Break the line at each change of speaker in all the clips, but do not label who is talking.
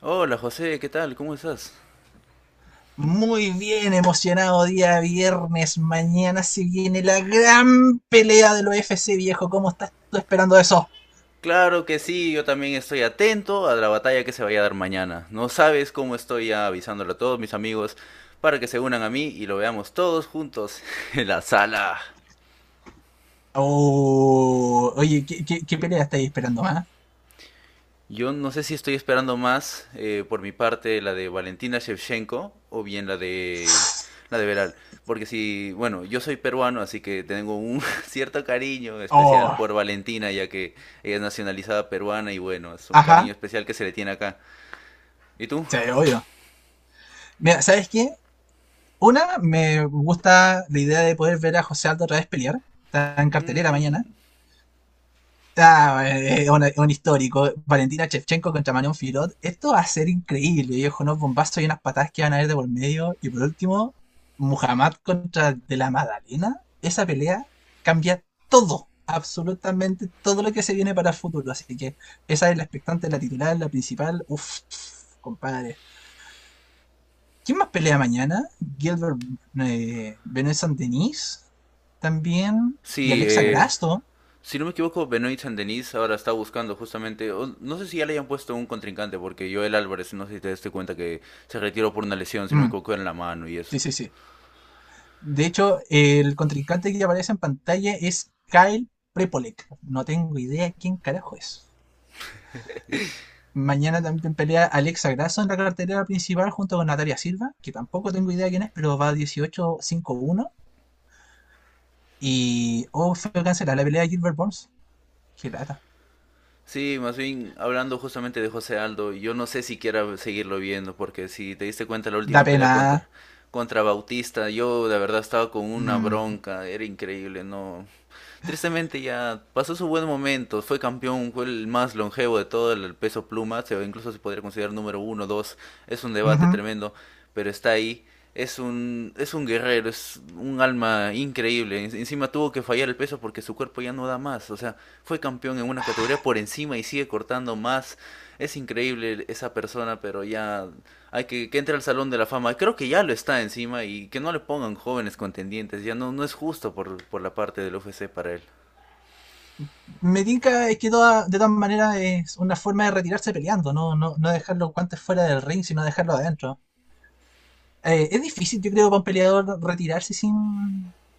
Hola José, ¿qué tal? ¿Cómo estás?
Muy bien, emocionado día viernes. Mañana se viene la gran pelea del UFC, viejo. ¿Cómo estás tú esperando eso?
Claro que sí, yo también estoy atento a la batalla que se vaya a dar mañana. No sabes cómo estoy ya avisándole a todos mis amigos para que se unan a mí y lo veamos todos juntos en la sala.
Oh, oye, ¿qué pelea estáis esperando, ah?
Yo no sé si estoy esperando más por mi parte la de Valentina Shevchenko o bien la de Veral, porque si, bueno, yo soy peruano, así que tengo un cierto cariño especial
Oh,
por Valentina, ya que ella es nacionalizada peruana y bueno, es un cariño
ajá,
especial que se le tiene acá. ¿Y tú?
sí, obvio. Mira, ¿sabes qué? Me gusta la idea de poder ver a José Aldo otra vez pelear. Está en cartelera mañana. Ah, es un histórico. Valentina Shevchenko contra Manon Filot. Esto va a ser increíble, viejo. Unos bombazos y unas patadas que van a haber de por medio. Y por último, Muhammad contra De la Madalena. Esa pelea cambia todo, absolutamente todo lo que se viene para el futuro. Así que esa es la expectante, la titular, la principal. Uf, compadre. ¿Quién más pelea mañana? Gilbert, Benson Denis también. Y
Sí,
Alexa Grasso.
si no me equivoco, Benoit Saint-Denis ahora está buscando justamente, o no sé si ya le hayan puesto un contrincante, porque Joel Álvarez, no sé si te diste cuenta que se retiró por una lesión, si no me
Mm,
equivoco, en la mano y eso.
sí, sí, sí. De hecho, el contrincante que aparece en pantalla es Kyle Prepolek. No tengo idea quién carajo es. Mañana también pelea Alexa Grasso en la cartelera principal junto con Natalia Silva, que tampoco tengo idea quién es, pero va 18-5-1. Y. Oh, fue cancelada la pelea de Gilbert Burns. Qué lata.
Sí, más bien hablando justamente de José Aldo, yo no sé si quiera seguirlo viendo, porque si te diste cuenta la
Da
última pelea
pena.
contra, Bautista, yo de verdad estaba con una
Mm.
bronca, era increíble, no. Tristemente ya pasó su buen momento, fue campeón, fue el más longevo de todo el peso pluma, incluso se podría considerar número uno, dos, es un debate
Ujú.
tremendo, pero está ahí, es un guerrero, es un alma increíble, encima tuvo que fallar el peso porque su cuerpo ya no da más, o sea, fue campeón en una categoría por encima y sigue cortando más, es increíble esa persona, pero ya hay que entre al Salón de la Fama. Creo que ya lo está encima y que no le pongan jóvenes contendientes. Ya no, no es justo por la parte del UFC para él.
Me tinca es que de todas maneras es una forma de retirarse peleando, no, no, no dejar los guantes fuera del ring, sino dejarlo adentro. Es difícil, yo creo, para un peleador retirarse sin,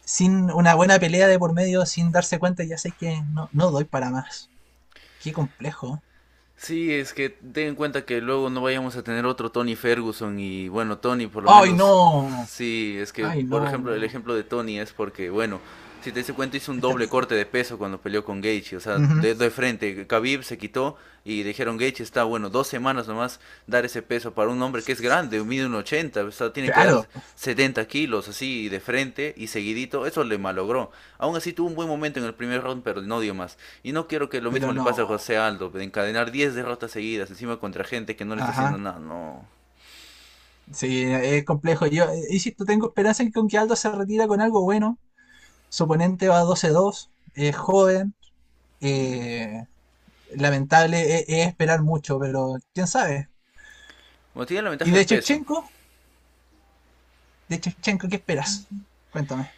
sin una buena pelea de por medio, sin darse cuenta, ya sé que no, no doy para más. Qué complejo.
Sí, es que ten en cuenta que luego no vayamos a tener otro Tony Ferguson y bueno, Tony por lo
¡Ay,
menos,
no!
sí, es que
¡Ay,
por ejemplo el
no!
ejemplo de Tony es porque bueno, si te das cuenta hizo un
Es
doble
terrible.
corte de peso cuando peleó con Gaethje, o sea,
Ujú.
de frente, Khabib se quitó y dijeron Gaethje está bueno, 2 semanas nomás dar ese peso para un hombre que es grande, mide un 80, o sea, tiene que dar
Claro,
70 kilos así de frente y seguidito, eso le malogró. Aún así tuvo un buen momento en el primer round, pero no dio más. Y no quiero que lo mismo
pero
le pase a
no.
José Aldo, de encadenar 10 derrotas seguidas encima contra gente que no le está haciendo
Ajá.
nada, no.
Sí, es complejo. Yo, insisto, tengo esperanza en que con que Aldo se retira con algo bueno. Su oponente va 12-2, es joven. eh, Lamentable es esperar mucho, pero quién sabe.
Bueno, tiene la
Y
ventaja del
de
peso.
Shevchenko, de Chevchenko, ¿qué esperas? Cuéntame.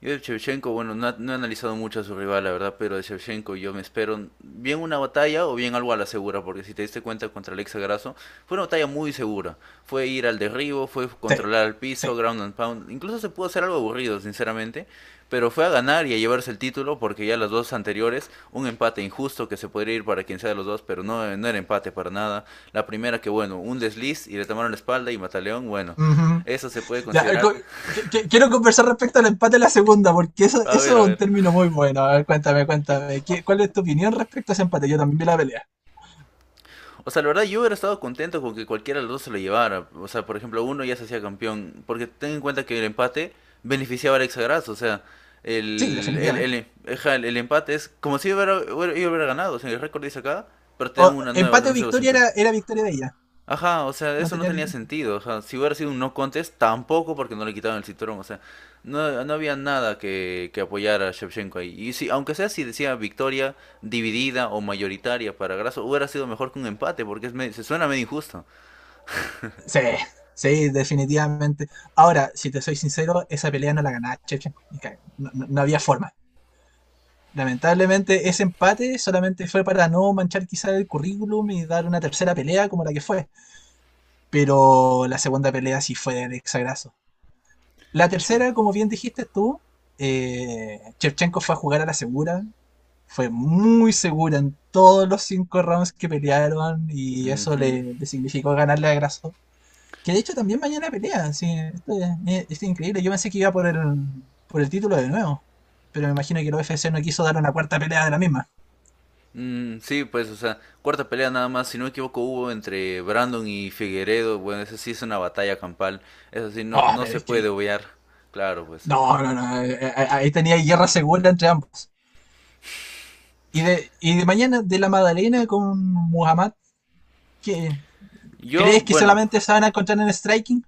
Yo de Shevchenko, bueno, no, no he analizado mucho a su rival, la verdad, pero de Shevchenko yo me espero bien una batalla o bien algo a la segura, porque si te diste cuenta contra Alexa Grasso, fue una batalla muy segura. Fue ir al derribo, fue
Sí,
controlar al piso,
sí.
ground and pound, incluso se pudo hacer algo aburrido, sinceramente, pero fue a ganar y a llevarse el título, porque ya las dos anteriores, un empate injusto que se podría ir para quien sea de los dos, pero no era empate para nada. La primera que, bueno, un desliz y le tomaron la espalda y Mataleón, bueno,
Ujú.
eso se puede
Ya,
considerar.
quiero conversar respecto al empate de la segunda, porque eso,
A ver,
eso
a
es un
ver.
término muy bueno. A ver, cuéntame, cuéntame. ¿Cuál es tu opinión respecto a ese empate? Yo también vi la pelea.
O sea, la verdad yo hubiera estado contento con que cualquiera de los dos se lo llevara. O sea, por ejemplo, uno ya se hacía campeón. Porque ten en cuenta que el empate beneficiaba al Exagras. O sea,
Sí,
el, el,
definitivamente.
el, ajá, el empate es como si hubiera, yo hubiera ganado. O sea, el récord dice acá, pero te dan
O-
una nueva, o sea,
Empate
un
o
nuevo
victoria
cinturón.
era, era victoria de ella.
Ajá, o sea, eso no
Mantenía
tenía
el-
sentido. O sea, si hubiera sido un no contest, tampoco porque no le quitaron el cinturón. O sea, no había nada que apoyar a Shevchenko ahí. Y si, aunque sea si decía victoria dividida o mayoritaria para Grasso, hubiera sido mejor que un empate porque es se suena medio injusto.
Sí, sí, definitivamente. Ahora, si te soy sincero, esa pelea no la ganaba Shevchenko. Ni caga- no, no había forma. Lamentablemente ese empate solamente fue para no manchar quizá el currículum y dar una tercera pelea como la que fue. Pero la segunda pelea sí fue del exagraso. La
Sí.
tercera, como bien dijiste tú, Shevchenko fue a jugar a la segura. Fue muy segura en todos los 5 rounds que pelearon y eso le, le significó ganarle a Grasso. Que de hecho también mañana pelea. Sí, esto es increíble. Yo pensé que iba por el título de nuevo. Pero me imagino que el UFC no quiso dar una cuarta pelea de la misma.
Mm, sí, pues, o sea, cuarta pelea nada más, si no me equivoco, hubo entre Brandon y Figueredo. Bueno, eso sí es una batalla campal. Eso sí, no,
Ah,
no
pero
se
es que.
puede obviar. Claro, pues.
No, no, no. Ahí tenía guerra segura entre ambos. Y de mañana, de la Madalena con Muhammad, ¿Qué
Yo,
¿crees que
bueno,
solamente se van a encontrar en striking?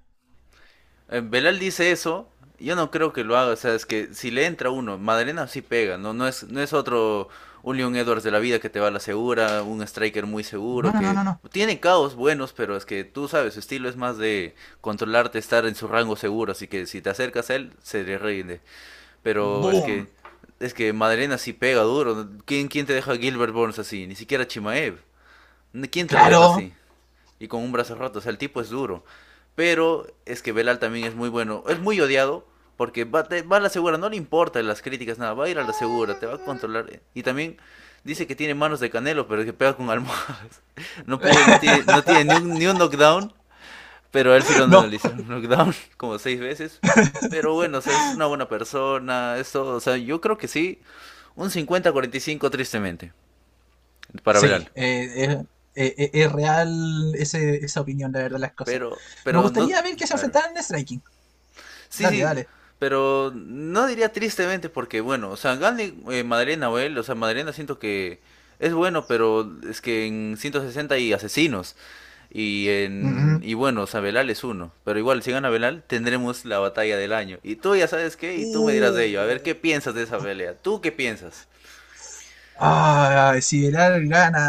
Belal dice eso, yo no creo que lo haga, o sea, es que si le entra uno, Madalena sí pega, no, no es otro un Leon Edwards de la vida que te va a la segura, un striker muy
No,
seguro,
no, no,
que
no, no.
tiene caos buenos, pero es que tú sabes, su estilo es más de controlarte, estar en su rango seguro, así que si te acercas a él, se le rinde. Pero es
¡Boom!
que, es que Madalena sí pega duro, ¿no? ¿Quién te deja a Gilbert Burns así? Ni siquiera Chimaev, ¿quién te lo deja
¡Claro!
así? Y con un brazo roto. O sea, el tipo es duro. Pero es que Belal también es muy bueno. Es muy odiado porque va, va a la segura, no le importa las críticas, nada. Va a ir a la segura, te va a controlar. Y también dice que tiene manos de canelo, pero que pega con almohadas. No pudo, no tiene, no tiene ni un, ni un knockdown. Pero a él sí lo, no,
no,
le hicieron un knockdown como seis veces. Pero bueno, o sea, es una buena persona. Eso, o sea, yo creo que sí. Un 50-45 tristemente para
sí,
Belal.
es real, esa opinión, la verdad, las cosas.
Pero,
Me
pero no...
gustaría ver que se
A ver,
enfrentaran en striking.
sí,
Dale,
sí,
dale.
pero no diría tristemente porque, bueno, o sea, Gandhi, Madalena, Nahuel, o sea, Madalena siento que es bueno, pero es que en 160 hay asesinos. Y en
Ujú.
y bueno, o sea, Belal es uno. Pero igual, si gana Belal, tendremos la batalla del año. Y tú ya sabes qué, y tú me dirás de ello. A ver, ¿qué
Uh.
piensas de esa pelea? ¿Tú qué piensas?
Ah, si Belal gana,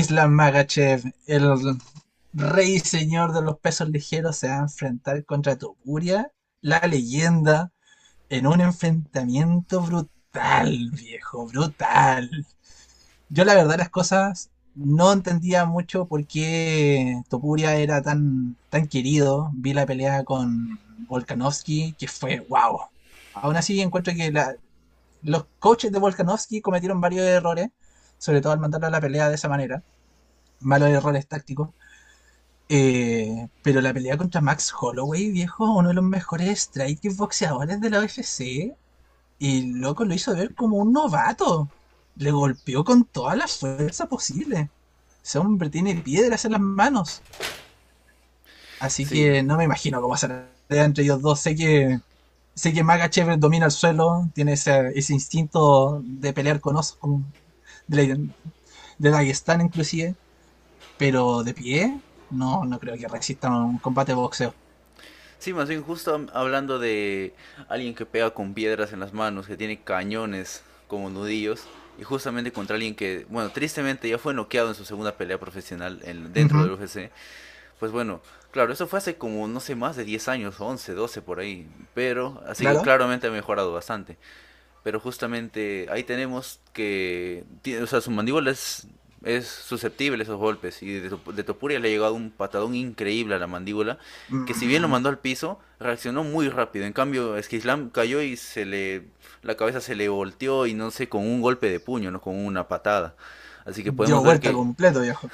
Islam Magachev, el rey y señor de los pesos ligeros, se va a enfrentar contra Topuria, la leyenda, en un enfrentamiento brutal, viejo, brutal. Yo la verdad las cosas no entendía mucho por qué Topuria era tan, tan querido. Vi la pelea con Volkanovski, que fue wow. Aún así encuentro que los coaches de Volkanovski cometieron varios errores, sobre todo al mandarlo a la pelea de esa manera, malos errores tácticos. Pero la pelea contra Max Holloway, viejo, uno de los mejores strikers boxeadores de la UFC, y loco, lo hizo ver como un novato. Le golpeó con toda la fuerza posible. Ese hombre tiene piedras en las manos. Así
Sí.
que no me imagino cómo será entre ellos dos. Sé que Magachev domina el suelo, tiene ese instinto de pelear con osos, de, la- de Dagestán inclusive. Pero de pie, no, no creo que resista un combate de boxeo.
Sí, más bien justo hablando de alguien que pega con piedras en las manos, que tiene cañones como nudillos, y justamente contra alguien que, bueno, tristemente ya fue noqueado en su segunda pelea profesional dentro del
Ujú,
UFC, pues bueno, claro, eso fue hace como, no sé, más de 10 años, 11, 12 por ahí, pero, así que
claro.
claramente ha mejorado bastante. Pero justamente ahí tenemos que, o sea, su mandíbula es susceptible a esos golpes. Y de Topuria le ha llegado un patadón increíble a la mandíbula, que si bien lo
Mm,
mandó al piso, reaccionó muy rápido. En cambio, Esquislam cayó y la cabeza se le volteó y no sé, con un golpe de puño, no con una patada. Así que
dio vuelta completo, viejo.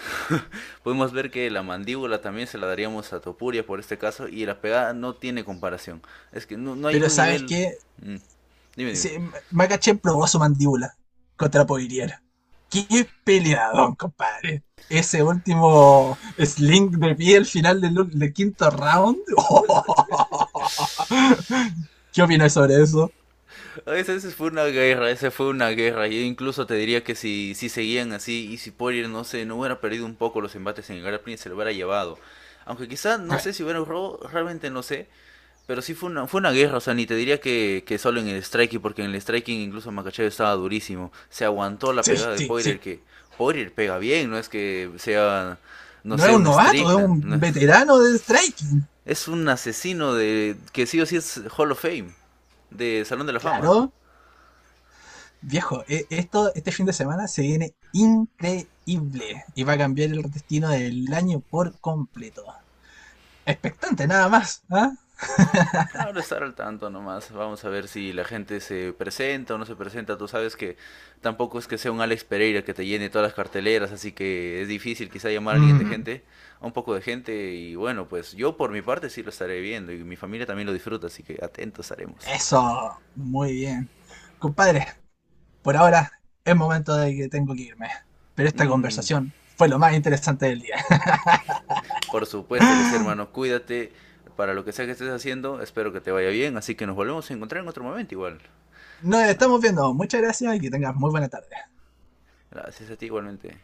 podemos ver que la mandíbula también se la daríamos a Topuria por este caso y la pegada no tiene comparación. Es que no hay
Pero
un
¿sabes
nivel...
qué?
Mm. Dime, dime.
Sí, Makachev probó su mandíbula contra Poirier. ¡Qué peleadón, compadre! Ese último sling de pie al final del quinto round. ¿Qué opinas sobre eso?
Esa, esa fue una guerra. Yo incluso te diría que si, si seguían así y si Poirier, no sé, no hubiera perdido un poco los embates en grappling se lo hubiera llevado. Aunque quizás,
A
no sé
ver,
si hubiera un robo, realmente no sé. Pero sí fue una, o sea, ni te diría que solo en el striking, porque en el striking incluso Makachev estaba durísimo. Se aguantó la
sí,
pegada de
sí,
Poirier,
sí.
que Poirier pega bien, no es que sea, no
No es
sé,
un
un
novato, es
Strickland. No
un
es,
veterano de striking.
Es un asesino de que sí o sí es Hall of Fame, de Salón de la Fama.
Claro. Viejo, este fin de semana se viene increíble y va a cambiar el destino del año por completo. Expectante, nada más, ¿ah?
Claro, estar al tanto nomás. Vamos a ver si la gente se presenta o no se presenta. Tú sabes que tampoco es que sea un Alex Pereira que te llene todas las carteleras, así que es difícil quizá llamar a alguien de
Mm,
gente, a un poco de gente. Y bueno, pues yo por mi parte sí lo estaré viendo y mi familia también lo disfruta, así que atentos estaremos.
eso, muy bien. Compadre, por ahora es momento de que tengo que irme, pero esta
Mm,
conversación fue lo más interesante del día.
por supuesto que sí, hermano. Cuídate para lo que sea que estés haciendo. Espero que te vaya bien, así que nos volvemos a encontrar en otro momento igual.
Nos estamos viendo, muchas gracias y que tengas muy buena tarde.
Gracias a ti igualmente.